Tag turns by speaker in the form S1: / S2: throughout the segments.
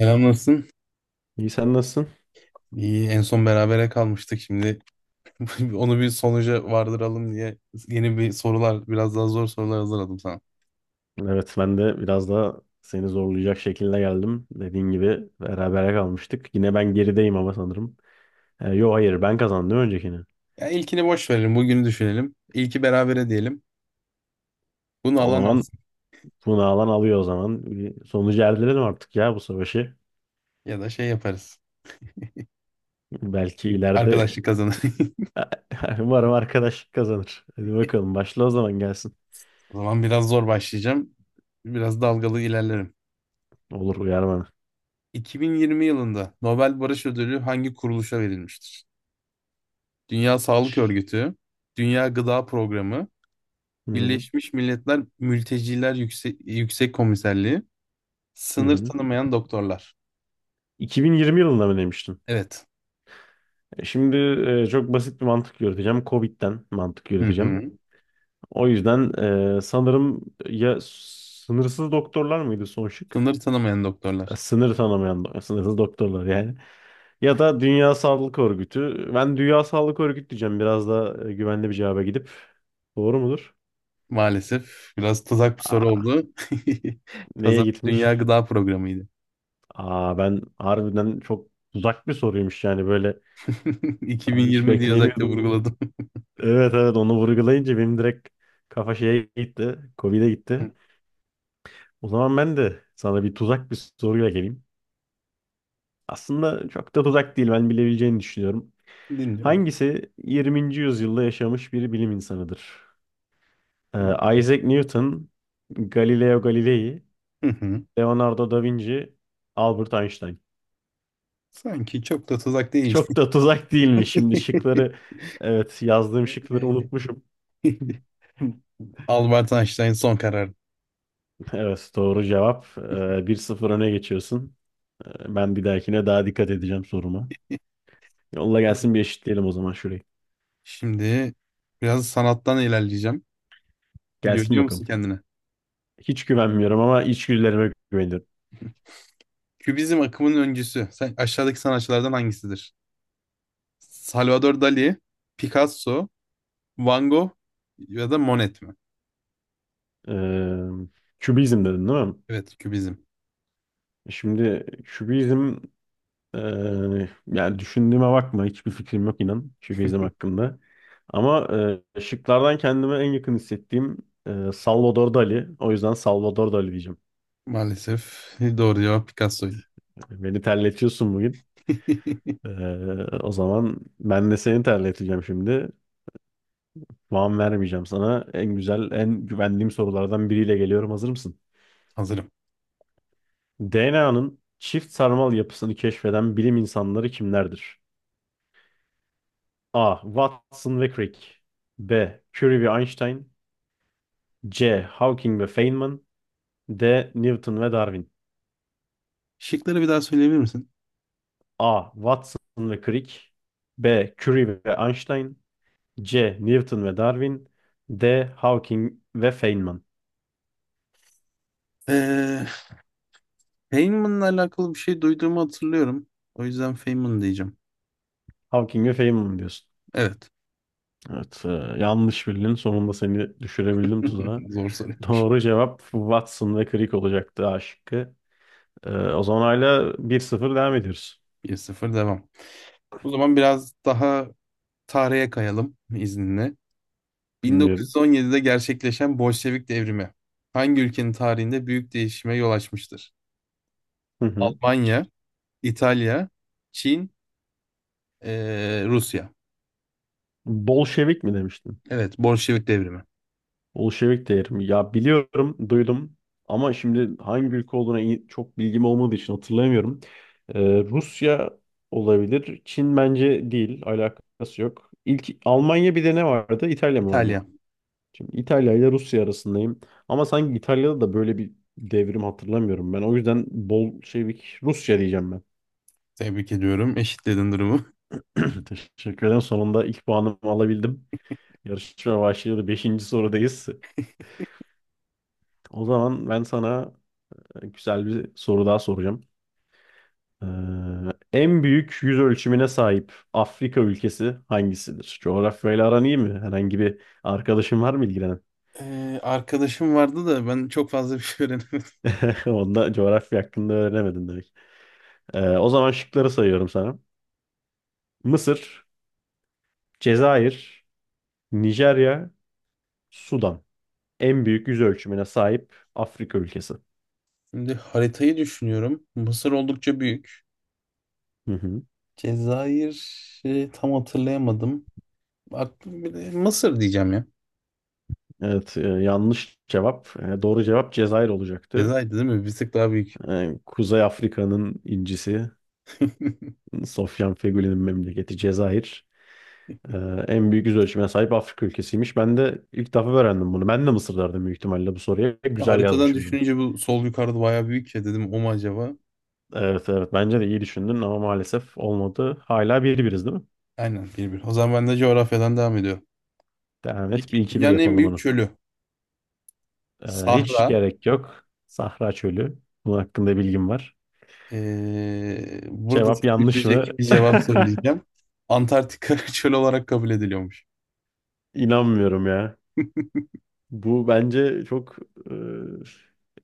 S1: Selam nasılsın?
S2: İyi sen nasılsın?
S1: İyi, en son berabere kalmıştık şimdi. Onu bir sonuca vardıralım diye yeni bir sorular, biraz daha zor sorular hazırladım sana.
S2: Evet ben de biraz daha seni zorlayacak şekilde geldim. Dediğin gibi berabere kalmıştık. Yine ben gerideyim ama sanırım. Yo hayır ben kazandım öncekini.
S1: Ya ilkini boş verelim, bugünü düşünelim. İlki berabere diyelim. Bunu
S2: O
S1: alan
S2: zaman
S1: alsın.
S2: bunu alan alıyor o zaman. Bir sonucu erdirelim artık ya bu savaşı.
S1: Ya da şey yaparız.
S2: Belki ileride
S1: Arkadaşlık kazanır.
S2: umarım arkadaşlık kazanır. Hadi bakalım başla o zaman gelsin.
S1: O zaman biraz zor başlayacağım. Biraz dalgalı ilerlerim.
S2: Olur uyar bana.
S1: 2020 yılında Nobel Barış Ödülü hangi kuruluşa verilmiştir? Dünya Sağlık Örgütü, Dünya Gıda Programı,
S2: Hı hı.
S1: Birleşmiş Milletler Mülteciler Yüksek, Yüksek Komiserliği,
S2: Hı
S1: Sınır
S2: hı.
S1: tanımayan doktorlar.
S2: 2020 yılında mı demiştin?
S1: Evet.
S2: Şimdi çok basit bir mantık yürüteceğim. Covid'den mantık
S1: Hı
S2: yürüteceğim.
S1: hı.
S2: O yüzden sanırım ya sınırsız doktorlar mıydı son şık?
S1: Sınır tanımayan doktorlar.
S2: Sınır tanımayan sınırsız doktorlar yani. Ya da Dünya Sağlık Örgütü. Ben Dünya Sağlık Örgütü diyeceğim. Biraz da güvenli bir cevaba gidip. Doğru mudur?
S1: Maalesef biraz tuzak bir soru
S2: Aa,
S1: oldu.
S2: neye
S1: Kazan Dünya
S2: gitmiş?
S1: Gıda Programı'ydı.
S2: Aa, ben harbiden çok uzak bir soruymuş yani böyle. Ben hiç
S1: 2020 diye özellikle
S2: beklemiyordum.
S1: vurguladım.
S2: Evet, evet, onu vurgulayınca benim direkt kafa şeye gitti. Covid'e gitti. O zaman ben de sana bir tuzak bir soruyla geleyim. Aslında çok da uzak değil ben bilebileceğini düşünüyorum.
S1: Dinliyorum.
S2: Hangisi 20. yüzyılda yaşamış bir bilim insanıdır? Isaac Newton, Galileo Galilei,
S1: Hı hı.
S2: Leonardo da Vinci, Albert Einstein.
S1: Sanki çok da tuzak değil.
S2: Çok da tuzak değil mi? Şimdi şıkları, evet yazdığım şıkları unutmuşum.
S1: Albert Einstein son kararı.
S2: Evet doğru cevap. 1-0 öne geçiyorsun. Ben bir dahakine daha dikkat edeceğim soruma. Yolla gelsin bir eşitleyelim o zaman şurayı.
S1: Şimdi biraz sanattan ilerleyeceğim.
S2: Gelsin
S1: Görüyor musun
S2: bakalım.
S1: kendine?
S2: Hiç güvenmiyorum ama içgüdülerime güveniyorum.
S1: Kübizm akımının öncüsü. Sen, aşağıdaki sanatçılardan hangisidir? Salvador Dali, Picasso, Van Gogh ya da Monet mi?
S2: Ee, kübizm dedin değil mi?
S1: Evet, kübizm.
S2: Şimdi kübizm e, yani düşündüğüme bakma hiçbir fikrim yok inan kübizm hakkında. Ama şıklardan kendime en yakın hissettiğim Salvador Dali. O yüzden Salvador Dali diyeceğim.
S1: Maalesef doğru cevap Picasso'ydu.
S2: Yani beni terletiyorsun bugün. E, o zaman ben de seni terleteceğim şimdi. Puan vermeyeceğim sana. En güzel, en güvendiğim sorulardan biriyle geliyorum. Hazır mısın?
S1: Hazırım.
S2: DNA'nın çift sarmal yapısını keşfeden bilim insanları kimlerdir? A. Watson ve Crick B. Curie ve Einstein C. Hawking ve Feynman D. Newton ve Darwin
S1: Şıkları bir daha söyleyebilir misin?
S2: A. Watson ve Crick B. Curie ve Einstein C. Newton ve Darwin D. Hawking ve Feynman
S1: Ee, Feynman'la alakalı bir şey duyduğumu hatırlıyorum. O yüzden Feynman diyeceğim.
S2: Hawking ve Feynman diyorsun.
S1: Evet.
S2: Evet, yanlış bildin. Sonunda seni düşürebildim tuzağa.
S1: Zor soru.
S2: Doğru cevap Watson ve Crick olacaktı A şıkkı. O zaman hala 1-0 devam ediyoruz.
S1: 1-0 devam. O zaman biraz daha tarihe kayalım izninle.
S2: Dinliyorum.
S1: 1917'de gerçekleşen Bolşevik devrimi hangi ülkenin tarihinde büyük değişime yol açmıştır?
S2: Hı hı.
S1: Almanya, İtalya, Çin, Rusya.
S2: Bolşevik mi demiştin?
S1: Evet, Bolşevik devrimi.
S2: Bolşevik değerim. Ya biliyorum, duydum ama şimdi hangi ülke olduğuna çok bilgim olmadığı için hatırlayamıyorum. Rusya olabilir. Çin bence değil. Alakası yok. İlk Almanya bir de ne vardı? İtalya mı vardı?
S1: İtalya.
S2: Şimdi İtalya ile Rusya arasındayım. Ama sanki İtalya'da da böyle bir devrim hatırlamıyorum ben. O yüzden Bolşevik Rusya diyeceğim ben.
S1: Tebrik ediyorum. Eşitledin durumu.
S2: Teşekkür ederim. Sonunda ilk puanımı alabildim. Yarışma başladı. Beşinci sorudayız. O zaman ben sana güzel bir soru daha soracağım. Ee, en büyük yüz ölçümüne sahip Afrika ülkesi hangisidir? Coğrafyayla aran iyi mi? Herhangi bir arkadaşın var mı ilgilenen?
S1: Arkadaşım vardı da ben çok fazla bir şey öğrenemedim.
S2: Onda coğrafya hakkında öğrenemedin demek. O zaman şıkları sayıyorum sana. Mısır, Cezayir, Nijerya, Sudan. En büyük yüz ölçümüne sahip Afrika ülkesi.
S1: Şimdi haritayı düşünüyorum. Mısır oldukça büyük.
S2: Hı hı.
S1: Cezayir tam hatırlayamadım. Aklım bile Mısır diyeceğim ya.
S2: Evet, yanlış cevap. Doğru cevap Cezayir olacaktı.
S1: Cezayir değil mi? Bir tık daha büyük.
S2: Kuzey Afrika'nın incisi Sofyan Feghouli'nin memleketi Cezayir. Ee, en büyük yüz ölçümüne sahip Afrika ülkesiymiş. Ben de ilk defa öğrendim bunu. Ben de Mısır derdim büyük ihtimalle bu soruya. Güzel
S1: Haritadan
S2: yazmışım bunu.
S1: düşününce bu sol yukarıda bayağı büyük ya dedim o mu acaba?
S2: Evet, evet, bence de iyi düşündün ama maalesef olmadı. Hala bir biriz değil mi?
S1: Aynen bir bir. O zaman ben de coğrafyadan devam ediyorum.
S2: Devam et. Bir
S1: Peki
S2: iki bir
S1: dünyanın en
S2: yapalım
S1: büyük
S2: onu.
S1: çölü.
S2: Hiç
S1: Sahra,
S2: gerek yok. Sahra çölü. Bunun hakkında bilgim var.
S1: Burada
S2: Cevap
S1: seni
S2: yanlış mı?
S1: üzecek bir cevap söyleyeceğim. Antarktika çöl olarak kabul ediliyormuş.
S2: İnanmıyorum ya. Bu bence çok e,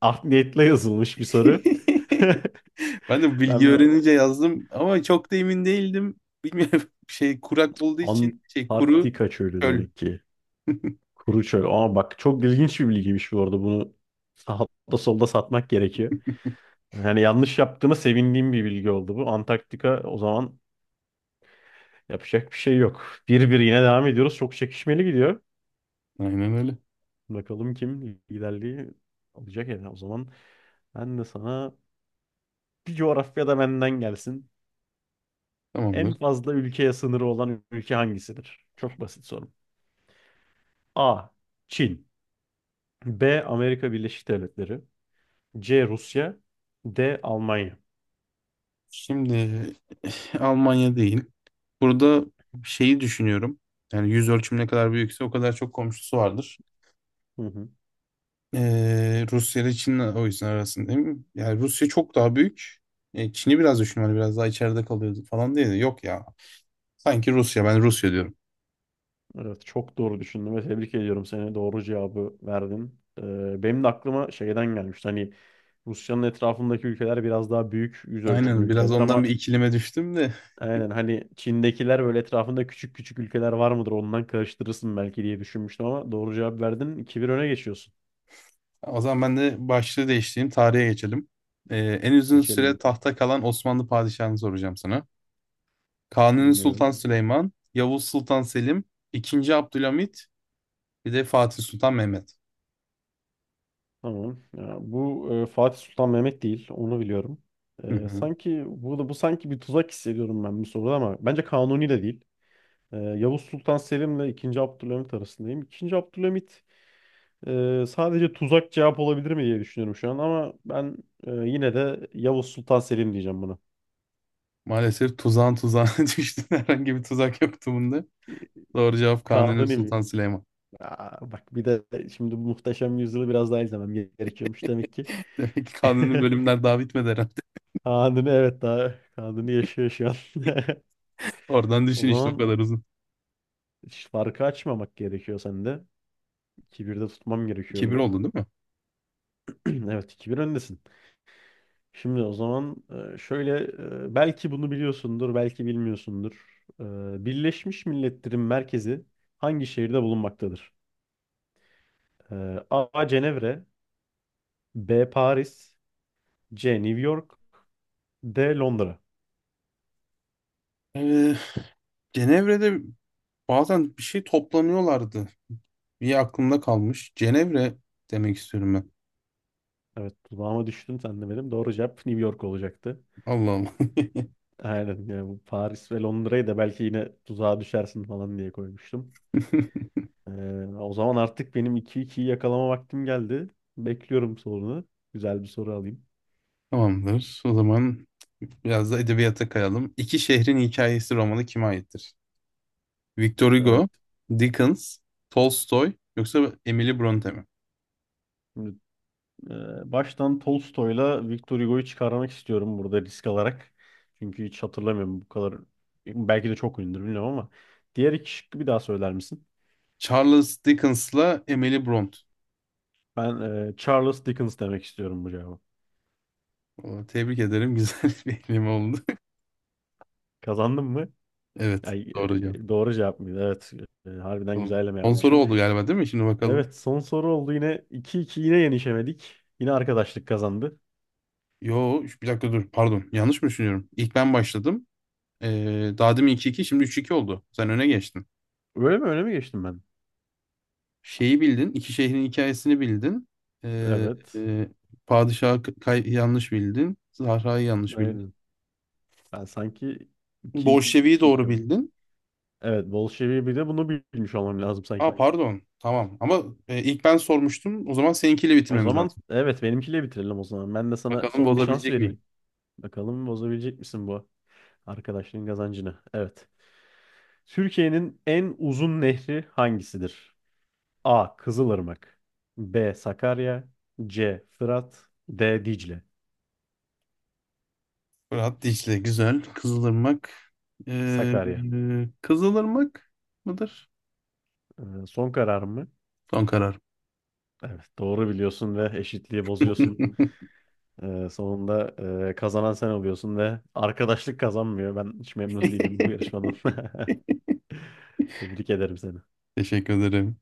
S2: art niyetle yazılmış bir soru.
S1: Ben de bu bilgi
S2: Ben
S1: öğrenince yazdım ama çok da emin değildim. Bilmiyorum şey kurak olduğu için şey kuru
S2: Antarktika çölü
S1: çöl.
S2: demek ki. Kuru çöl. Aa bak çok ilginç bir bilgiymiş bu arada. Bunu sağda solda satmak gerekiyor. Yani yanlış yaptığıma sevindiğim bir bilgi oldu bu. Antarktika o zaman yapacak bir şey yok. 1-1 yine devam ediyoruz. Çok çekişmeli gidiyor.
S1: Aynen öyle.
S2: Bakalım kim liderliği alacak yani. O zaman ben de sana bir coğrafyada benden gelsin. En
S1: Tamamdır.
S2: fazla ülkeye sınırı olan ülke hangisidir? Çok basit soru. A. Çin. B. Amerika Birleşik Devletleri. C. Rusya. D. Almanya.
S1: Şimdi Almanya değil. Burada şeyi düşünüyorum. Yani yüz ölçüm ne kadar büyükse o kadar çok komşusu vardır.
S2: Hı hı.
S1: Rusya ile Çin o yüzden arasında değil mi? Yani Rusya çok daha büyük. E, Çin'i biraz düşün hani biraz daha içeride kalıyordu falan diye de yok ya. Sanki Rusya ben Rusya diyorum.
S2: Evet çok doğru düşündüm ve tebrik ediyorum seni. Doğru cevabı verdin. Benim de aklıma şeyden gelmişti. Hani Rusya'nın etrafındaki ülkeler biraz daha büyük yüz ölçümlü
S1: Aynen biraz
S2: ülkeler ama
S1: ondan bir ikilime düştüm de.
S2: aynen hani Çin'dekiler böyle etrafında küçük küçük ülkeler var mıdır ondan karıştırırsın belki diye düşünmüştüm ama doğru cevap verdin. 2 bir öne geçiyorsun.
S1: O zaman ben de başlığı değiştireyim tarihe geçelim. En uzun
S2: Geçelim
S1: süre
S2: bakalım.
S1: tahta kalan Osmanlı padişahını soracağım sana. Kanuni Sultan
S2: Dinliyorum.
S1: Süleyman, Yavuz Sultan Selim, II. Abdülhamit bir de Fatih Sultan Mehmet.
S2: Tamam. Ya bu Fatih Sultan Mehmet değil. Onu biliyorum.
S1: Hı
S2: E,
S1: hı.
S2: sanki burada bu sanki bir tuzak hissediyorum ben bu soruda ama bence Kanuni de değil. Yavuz Sultan Selim'le 2. Abdülhamit arasındayım. 2. Abdülhamit sadece tuzak cevap olabilir mi diye düşünüyorum şu an ama ben yine de Yavuz Sultan Selim diyeceğim buna.
S1: Maalesef tuzağın tuzağına düştün. Herhangi bir tuzak yoktu bunda.
S2: E,
S1: Doğru cevap Kanuni
S2: Kanuni mi?
S1: Sultan Süleyman.
S2: Aa, bak bir de şimdi bu Muhteşem Yüzyıl'ı biraz daha izlemem gerekiyormuş demek ki.
S1: Demek ki Kanuni bölümler daha bitmedi herhalde.
S2: Kanuni, evet, daha Kanuni yaşıyor şu an.
S1: Oradan
S2: O
S1: düşün işte o
S2: zaman
S1: kadar uzun.
S2: hiç farkı açmamak gerekiyor sende. 2-1'de tutmam gerekiyor
S1: 2-1
S2: bunu.
S1: oldu değil mi?
S2: Evet 2-1 öndesin. Şimdi o zaman şöyle belki bunu biliyorsundur belki bilmiyorsundur. Birleşmiş Milletler'in merkezi hangi şehirde bulunmaktadır? E, A. Cenevre B. Paris C. New York D. Londra.
S1: Ee, Cenevre'de bazen bir şey toplanıyorlardı. Bir aklımda kalmış. Cenevre demek istiyorum ben.
S2: Evet dudağıma düştün sen de benim. Doğru cevap New York olacaktı.
S1: Allah Allah.
S2: Aynen yani bu Paris ve Londra'yı da belki yine tuzağa düşersin falan diye koymuştum. O zaman artık benim iki 2yi yakalama vaktim geldi. Bekliyorum sorunu. Güzel bir soru alayım.
S1: Tamamdır. O zaman biraz da edebiyata kayalım. İki şehrin hikayesi romanı kime aittir? Victor Hugo,
S2: Evet.
S1: Dickens, Tolstoy yoksa Emily Bronte mi?
S2: Şimdi, baştan Tolstoy'la Victor Hugo'yu çıkarmak istiyorum burada risk alarak. Çünkü hiç hatırlamıyorum bu kadar. Belki de çok ünlüdür bilmiyorum ama. Diğer iki şıkkı bir daha söyler misin?
S1: Charles Dickens'la Emily Bront.
S2: Ben Charles Dickens demek istiyorum bu cevabı.
S1: Aa, tebrik ederim. Güzel bir ekleme oldu.
S2: Kazandım mı?
S1: Evet.
S2: Ay,
S1: Doğru cevap.
S2: doğru cevap mıydı? Evet. Harbiden
S1: Bakalım.
S2: güzelleme
S1: Son soru
S2: yapmışım.
S1: oldu galiba değil mi? Şimdi bakalım.
S2: Evet son soru oldu yine. 2-2 yine yenişemedik. Yine arkadaşlık kazandı.
S1: Yo, üç- bir dakika dur. Pardon. Yanlış mı düşünüyorum? İlk ben başladım. Daha demin 2-2, şimdi üç iki oldu. Sen öne geçtin.
S2: Öyle mi? Öyle mi geçtim ben?
S1: Şeyi bildin. İki şehrin hikayesini bildin. Ee,
S2: Evet.
S1: e, Padişahı k- kay- yanlış bildin. Zahra'yı yanlış bildin.
S2: Aynen. Ben sanki 2
S1: Bolşevi'yi
S2: 2
S1: doğru
S2: 2 oldum.
S1: bildin.
S2: Evet, Bolşevi bir de bunu bilmiş olmam lazım
S1: Aa
S2: sanki.
S1: pardon. Tamam. Ama ilk ben sormuştum. O zaman seninkiyle
S2: O
S1: bitirmemiz
S2: zaman
S1: lazım.
S2: evet benimkiyle bitirelim o zaman. Ben de sana
S1: Bakalım
S2: son bir şans
S1: bozabilecek miyim?
S2: vereyim. Bakalım bozabilecek misin bu arkadaşlığın kazancını? Evet. Türkiye'nin en uzun nehri hangisidir? A. Kızılırmak B. Sakarya C. Fırat D. Dicle
S1: Fırat Dicle güzel. Kızılırmak. Ee,
S2: Sakarya.
S1: Kızılırmak mıdır?
S2: Son karar mı?
S1: Son karar.
S2: Evet, doğru biliyorsun ve eşitliği bozuyorsun. Sonunda kazanan sen oluyorsun ve arkadaşlık kazanmıyor. Ben hiç memnun değilim bu yarışmadan. Tebrik ederim seni.
S1: Teşekkür ederim.